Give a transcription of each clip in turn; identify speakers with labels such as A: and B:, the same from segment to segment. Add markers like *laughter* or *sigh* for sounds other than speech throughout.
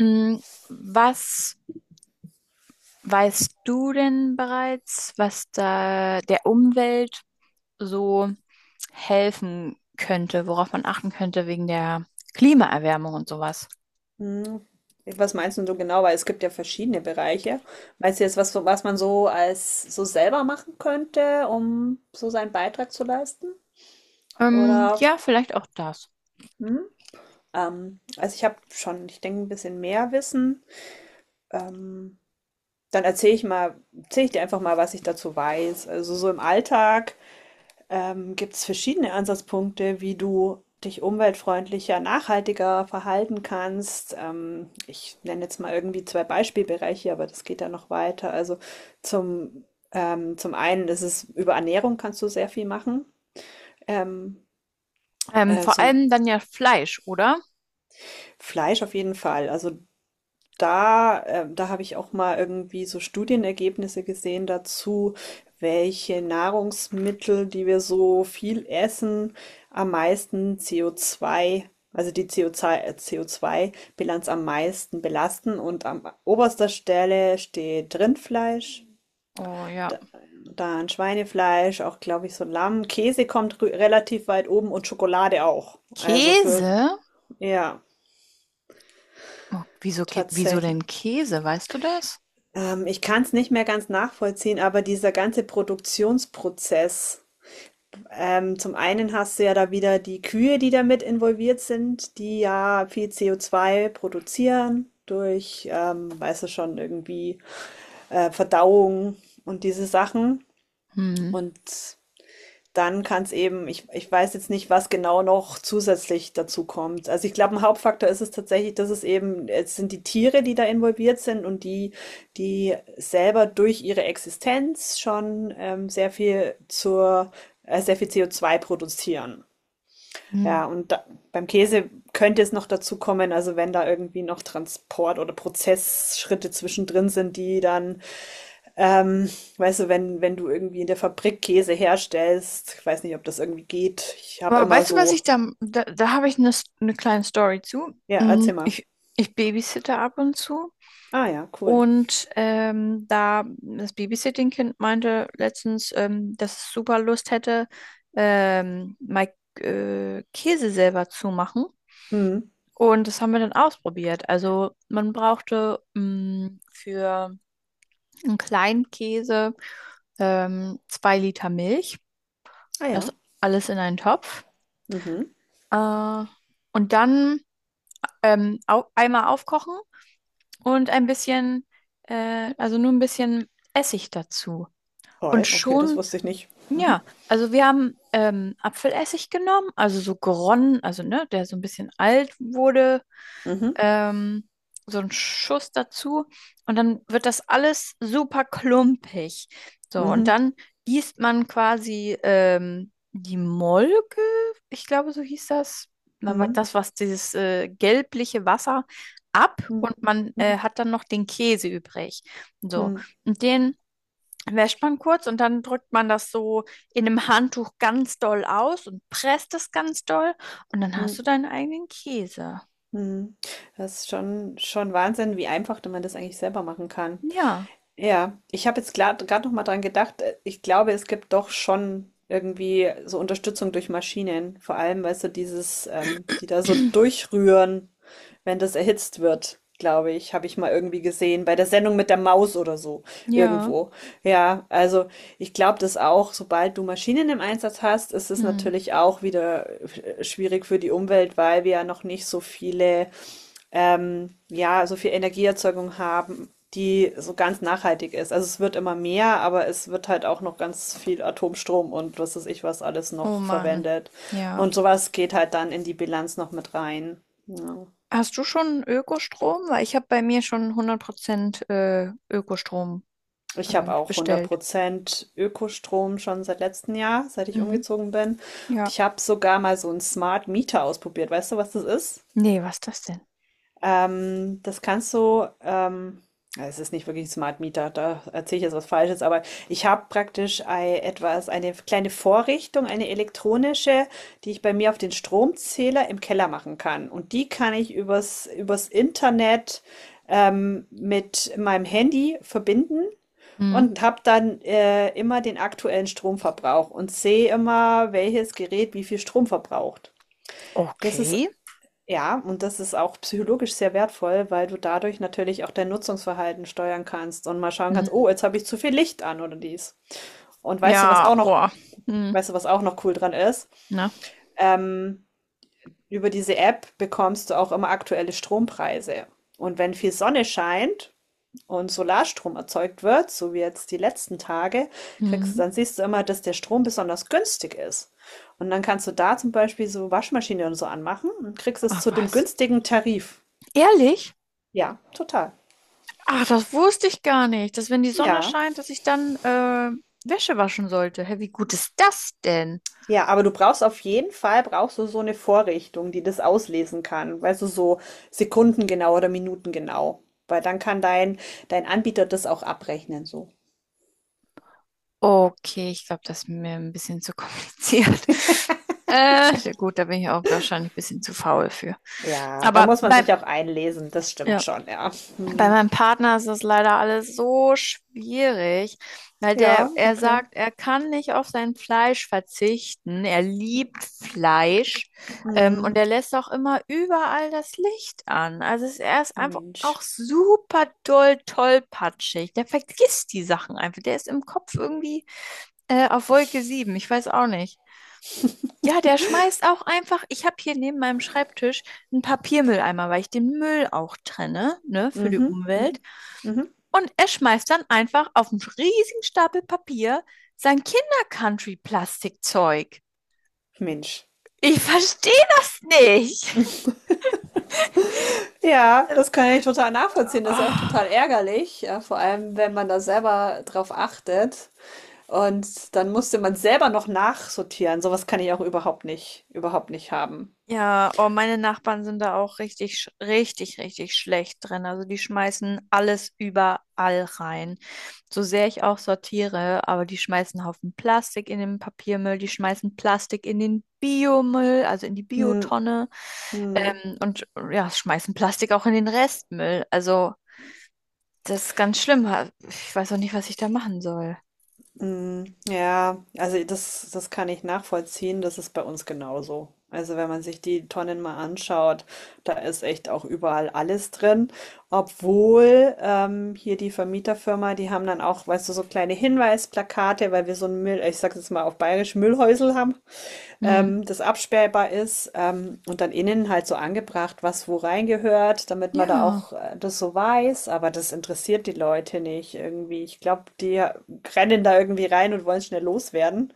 A: Mm. Was weißt du denn bereits, was da der Umwelt so helfen könnte, worauf man achten könnte wegen der Klimaerwärmung und sowas?
B: Hm. Was meinst du so genau? Weil es gibt ja verschiedene Bereiche. Meinst du jetzt, was man so als so selber machen könnte, um so seinen Beitrag zu leisten? Oder
A: Ja, vielleicht auch das.
B: hm? Also ich habe schon, ich denke, ein bisschen mehr Wissen. Ähm, Dann erzähle ich mal, erzähle ich dir einfach mal, was ich dazu weiß. Also so im Alltag. Gibt es verschiedene Ansatzpunkte, wie du dich umweltfreundlicher, nachhaltiger verhalten kannst? Ich nenne jetzt mal irgendwie zwei Beispielbereiche, aber das geht ja noch weiter. Also zum, zum einen ist es über Ernährung kannst du sehr viel machen. Ähm,
A: Vor
B: Zum
A: allem dann ja Fleisch, oder?
B: Fleisch auf jeden Fall. Also da habe ich auch mal irgendwie so Studienergebnisse gesehen dazu, welche Nahrungsmittel, die wir so viel essen, am meisten CO2, also die CO2-Bilanz am meisten belasten. Und an oberster Stelle steht Rindfleisch,
A: Oh ja.
B: da- dann Schweinefleisch, auch glaube ich so Lamm. Käse kommt relativ weit oben und Schokolade auch. Also für,
A: Käse?
B: ja,
A: Oh, wieso, wieso
B: tatsächlich.
A: denn Käse? Weißt du das?
B: Ich kann es nicht mehr ganz nachvollziehen, aber dieser ganze Produktionsprozess. Zum einen hast du ja da wieder die Kühe, die damit involviert sind, die ja viel co zwei produzieren durch, weißt du schon, irgendwie Verdauung und diese Sachen.
A: Hm.
B: Und dann kann es eben ich weiß jetzt nicht, was genau noch zusätzlich dazu kommt. Also, ich glaube, ein Hauptfaktor ist es tatsächlich, dass es eben es sind die Tiere, die da involviert sind und die selber durch ihre Existenz schon, sehr viel zur sehr viel CO2 produzieren. Ja,
A: Hm.
B: und da beim Käse könnte es noch dazu kommen, also wenn da irgendwie noch Transport oder Prozessschritte zwischendrin sind, die dann ähm, weißt du, wenn du irgendwie in der Fabrik Käse herstellst, ich weiß nicht, ob das irgendwie geht. Ich habe
A: Aber
B: immer
A: weißt du, was
B: so,
A: ich da habe ich eine kleine Story zu.
B: ja,
A: Mm.
B: erzähl mal.
A: Ich babysitte ab und zu.
B: Ah ja, cool.
A: Und da das Babysitting-Kind meinte letztens, dass es super Lust hätte, mal Käse selber zu machen.
B: Mhm.
A: Und das haben wir dann ausprobiert. Also man brauchte für einen kleinen Käse 2 Liter Milch.
B: Ah ja.
A: Das alles in einen Topf.
B: Mhm.
A: Äh, und dann au einmal aufkochen und ein bisschen, also nur ein bisschen Essig dazu. Und
B: Oi, okay, das
A: schon.
B: wusste ich nicht. Mhm.
A: Ja, also wir haben Apfelessig genommen, also so geronnen, also ne, der so ein bisschen alt wurde,
B: Mhm.
A: ähm, so ein Schuss dazu und dann wird das alles super klumpig. So, und
B: Mhm.
A: dann gießt man quasi die Molke, ich glaube, so hieß das. Na,
B: Mhm.
A: das, was dieses gelbliche Wasser ab
B: Mhm.
A: und man
B: Mhm.
A: hat dann noch den Käse übrig. So,
B: Mhm.
A: und den wäscht man kurz und dann drückt man das so in einem Handtuch ganz doll aus und presst es ganz doll und dann hast du
B: Mhm.
A: deinen eigenen Käse.
B: Mhm. Das ist schon Wahnsinn, wie einfach man das eigentlich selber machen kann.
A: Ja,
B: Ja, ich habe jetzt gerade noch mal dran gedacht, ich glaube, es gibt doch schon irgendwie so Unterstützung durch Maschinen, vor allem, weißt du, dieses, die da so durchrühren, wenn das erhitzt wird, glaube ich, habe ich mal irgendwie gesehen, bei der Sendung mit der Maus oder so,
A: ja.
B: irgendwo. Ja, also ich glaube das auch, sobald du Maschinen im Einsatz hast, ist es
A: Hm.
B: natürlich auch wieder schwierig für die Umwelt, weil wir ja noch nicht so viele ja, so viel Energieerzeugung haben, die so ganz nachhaltig ist. Also es wird immer mehr, aber es wird halt auch noch ganz viel Atomstrom und was weiß ich was alles
A: Oh
B: noch
A: Mann.
B: verwendet.
A: Ja.
B: Und sowas geht halt dann in die Bilanz noch mit rein. Ja.
A: Hast du schon Ökostrom? Weil ich habe bei mir schon 100% Ökostrom
B: Ich habe auch hundert
A: bestellt.
B: Prozent Ökostrom schon seit letztem Jahr, seit ich
A: Mhm.
B: umgezogen bin. Und
A: Ja.
B: ich habe sogar mal so einen Smart Meter ausprobiert. Weißt du, was das ist?
A: Nee, was ist das denn?
B: Das kannst du, ja, es ist nicht wirklich ein Smart Meter, da erzähle ich jetzt was Falsches, aber ich habe praktisch etwas, eine kleine Vorrichtung, eine elektronische, die ich bei mir auf den Stromzähler im Keller machen kann. Und die kann ich übers Internet mit meinem Handy verbinden.
A: Mhm.
B: Und habe dann immer den aktuellen Stromverbrauch und sehe immer, welches Gerät wie viel Strom verbraucht. Das ist,
A: Okay.
B: ja, und das ist auch psychologisch sehr wertvoll, weil du dadurch natürlich auch dein Nutzungsverhalten steuern kannst und mal schauen kannst, oh,
A: Mhm.
B: jetzt habe ich zu viel Licht an oder dies. Und
A: Ja, boah. Mhm.
B: weißt du, was auch noch cool dran ist?
A: Na.
B: Ähm, Über diese App bekommst du auch immer aktuelle Strompreise. Und wenn viel Sonne scheint und Solarstrom erzeugt wird, so wie jetzt die letzten Tage, kriegst,
A: Mhm.
B: dann siehst du immer, dass der Strom besonders günstig ist. Und dann kannst du da zum Beispiel so Waschmaschine und so anmachen und kriegst es
A: Ach
B: zu dem
A: was.
B: günstigen Tarif.
A: Ehrlich?
B: Ja, total.
A: Ach, das wusste ich gar nicht, dass wenn die Sonne
B: Ja.
A: scheint, dass ich dann Wäsche waschen sollte. Hä, wie gut ist das denn?
B: Ja, aber du brauchst auf jeden Fall, brauchst du so eine Vorrichtung, die das auslesen kann, weißt du, so sekundengenau oder minutengenau, weil dann kann dein Anbieter das auch abrechnen so.
A: Okay, ich glaube, das ist mir ein bisschen zu kompliziert. *laughs* Ja gut, da bin ich auch wahrscheinlich ein bisschen zu faul für.
B: Ja, da
A: Aber
B: muss man
A: beim.
B: sich auch einlesen, das stimmt
A: Ja.
B: schon, ja.
A: Bei
B: Mhm.
A: meinem Partner ist das leider alles so schwierig, weil der,
B: Ja,
A: er
B: okay.
A: sagt, er kann nicht auf sein Fleisch verzichten. Er liebt Fleisch, und
B: Mhm.
A: er lässt auch immer überall das Licht an. Also er ist einfach auch
B: Mensch.
A: super doll tollpatschig. Der vergisst die Sachen einfach. Der ist im Kopf irgendwie, auf Wolke sieben. Ich weiß auch nicht. Ja, der schmeißt auch einfach, ich habe hier neben meinem Schreibtisch einen Papiermülleimer, weil ich den Müll auch trenne, ne, für die
B: Mhm,
A: Umwelt.
B: mhm, mhm.
A: Und er schmeißt dann einfach auf einen riesigen Stapel Papier sein Kinder-Country-Plastikzeug.
B: Mensch.
A: Ich verstehe das nicht.
B: Ja,
A: Äh,
B: das kann ich total nachvollziehen. Das ist ja auch total
A: Oh.
B: ärgerlich, ja, vor allem, wenn man da selber drauf achtet. Und dann musste man selber noch nachsortieren. So was kann ich auch überhaupt nicht haben.
A: Ja, oh, meine Nachbarn sind da auch richtig, richtig, richtig schlecht drin. Also die schmeißen alles überall rein. So sehr ich auch sortiere, aber die schmeißen Haufen Plastik in den Papiermüll, die schmeißen Plastik in den Biomüll, also in die
B: Hm,
A: Biotonne,
B: hm,
A: und ja, schmeißen Plastik auch in den Restmüll. Also das ist ganz schlimm. Ich weiß auch nicht, was ich da machen soll.
B: hm. Ja, also das kann ich nachvollziehen. Das ist bei uns genauso. Also wenn man sich die Tonnen mal anschaut, da ist echt auch überall alles drin. Obwohl hier die Vermieterfirma, die haben dann auch, weißt du, so kleine Hinweisplakate, weil wir so ein Müll, ich sag jetzt mal auf Bayerisch, Müllhäusel haben.
A: Hm.
B: Das absperrbar ist, und dann innen halt so angebracht, was wo reingehört, damit man da
A: Ja.
B: auch das so weiß. Aber das interessiert die Leute nicht irgendwie. Ich glaube, die rennen da irgendwie rein und wollen schnell loswerden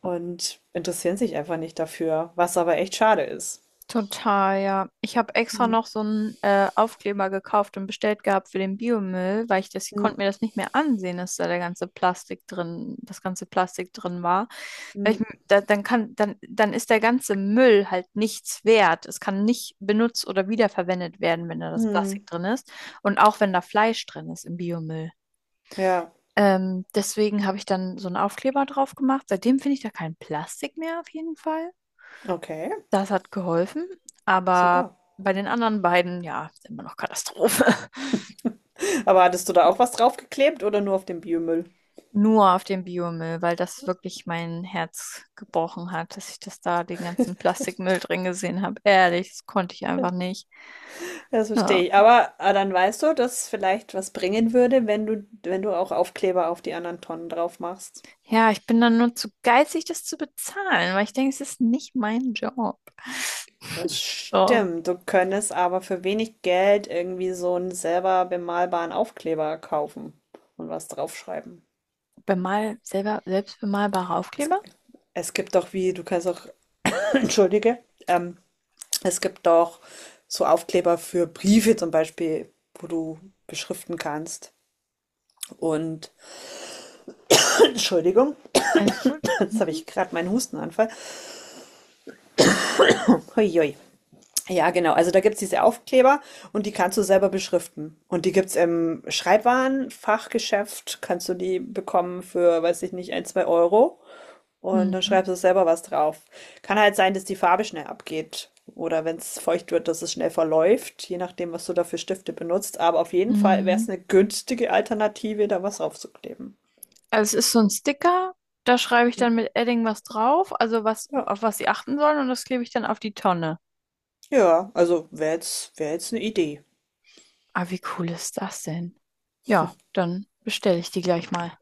B: und interessieren sich einfach nicht dafür, was aber echt schade ist.
A: Total, ja. Ich habe extra
B: Hm,
A: noch so einen Aufkleber gekauft und bestellt gehabt für den Biomüll, weil ich das, ich
B: hm,
A: konnte mir das nicht mehr ansehen, dass da der ganze Plastik drin, das ganze Plastik drin war. Weil ich,
B: hm,
A: da, dann kann, dann ist der ganze Müll halt nichts wert. Es kann nicht benutzt oder wiederverwendet werden, wenn da das Plastik
B: hm.
A: drin ist. Und auch wenn da Fleisch drin ist im Biomüll.
B: Ja,
A: Deswegen habe ich dann so einen Aufkleber drauf gemacht. Seitdem finde ich da kein Plastik mehr auf jeden Fall.
B: okay,
A: Das hat geholfen, aber
B: super.
A: bei den anderen beiden, ja, ist immer noch Katastrophe. *laughs*
B: Aber hattest du da auch was draufgeklebt oder nur auf dem Biomüll?
A: Nur auf dem Biomüll, weil das wirklich mein Herz gebrochen hat, dass ich das da den ganzen Plastikmüll drin gesehen habe. Ehrlich, das konnte ich einfach nicht.
B: Das
A: Ja.
B: verstehe ich. Aber, ah, dann weißt du, dass vielleicht was bringen würde, wenn du, wenn du auch Aufkleber auf die anderen Tonnen drauf machst.
A: Ja, ich bin dann nur zu geizig, das zu bezahlen, weil ich denke, es ist nicht mein Job.
B: Das
A: So,
B: stimmt. Du könntest aber für wenig Geld irgendwie so einen selber bemalbaren Aufkleber kaufen und was draufschreiben.
A: selbst bemalbare
B: Es,
A: Aufkleber,
B: es gibt doch wie, du kannst auch, *clears throat* entschuldige, es gibt doch so Aufkleber für Briefe zum Beispiel, wo du beschriften kannst. Und, *clears throat* Entschuldigung,
A: alles gut.
B: jetzt habe
A: Mhm.
B: ich gerade meinen Hustenanfall. Huiui. Ja, genau. Also da gibt's diese Aufkleber und die kannst du selber beschriften. Und die gibt's im Schreibwarenfachgeschäft, kannst du die bekommen für, weiß ich nicht, ein, zwei Euro. Und dann
A: Mhm.
B: schreibst du selber was drauf. Kann halt sein, dass die Farbe schnell abgeht. Oder wenn's feucht wird, dass es schnell verläuft, je nachdem, was du da für Stifte benutzt. Aber auf jeden Fall wäre
A: Mhm.
B: es eine günstige Alternative, da was draufzukleben.
A: Also es ist so ein Sticker, da schreibe ich dann mit Edding was drauf, also was,
B: Ja.
A: auf was sie achten sollen und das klebe ich dann auf die Tonne.
B: Ja, also wäre jetzt, wär jetzt eine Idee.
A: Ah, wie cool ist das denn? Ja, dann bestelle ich die gleich mal.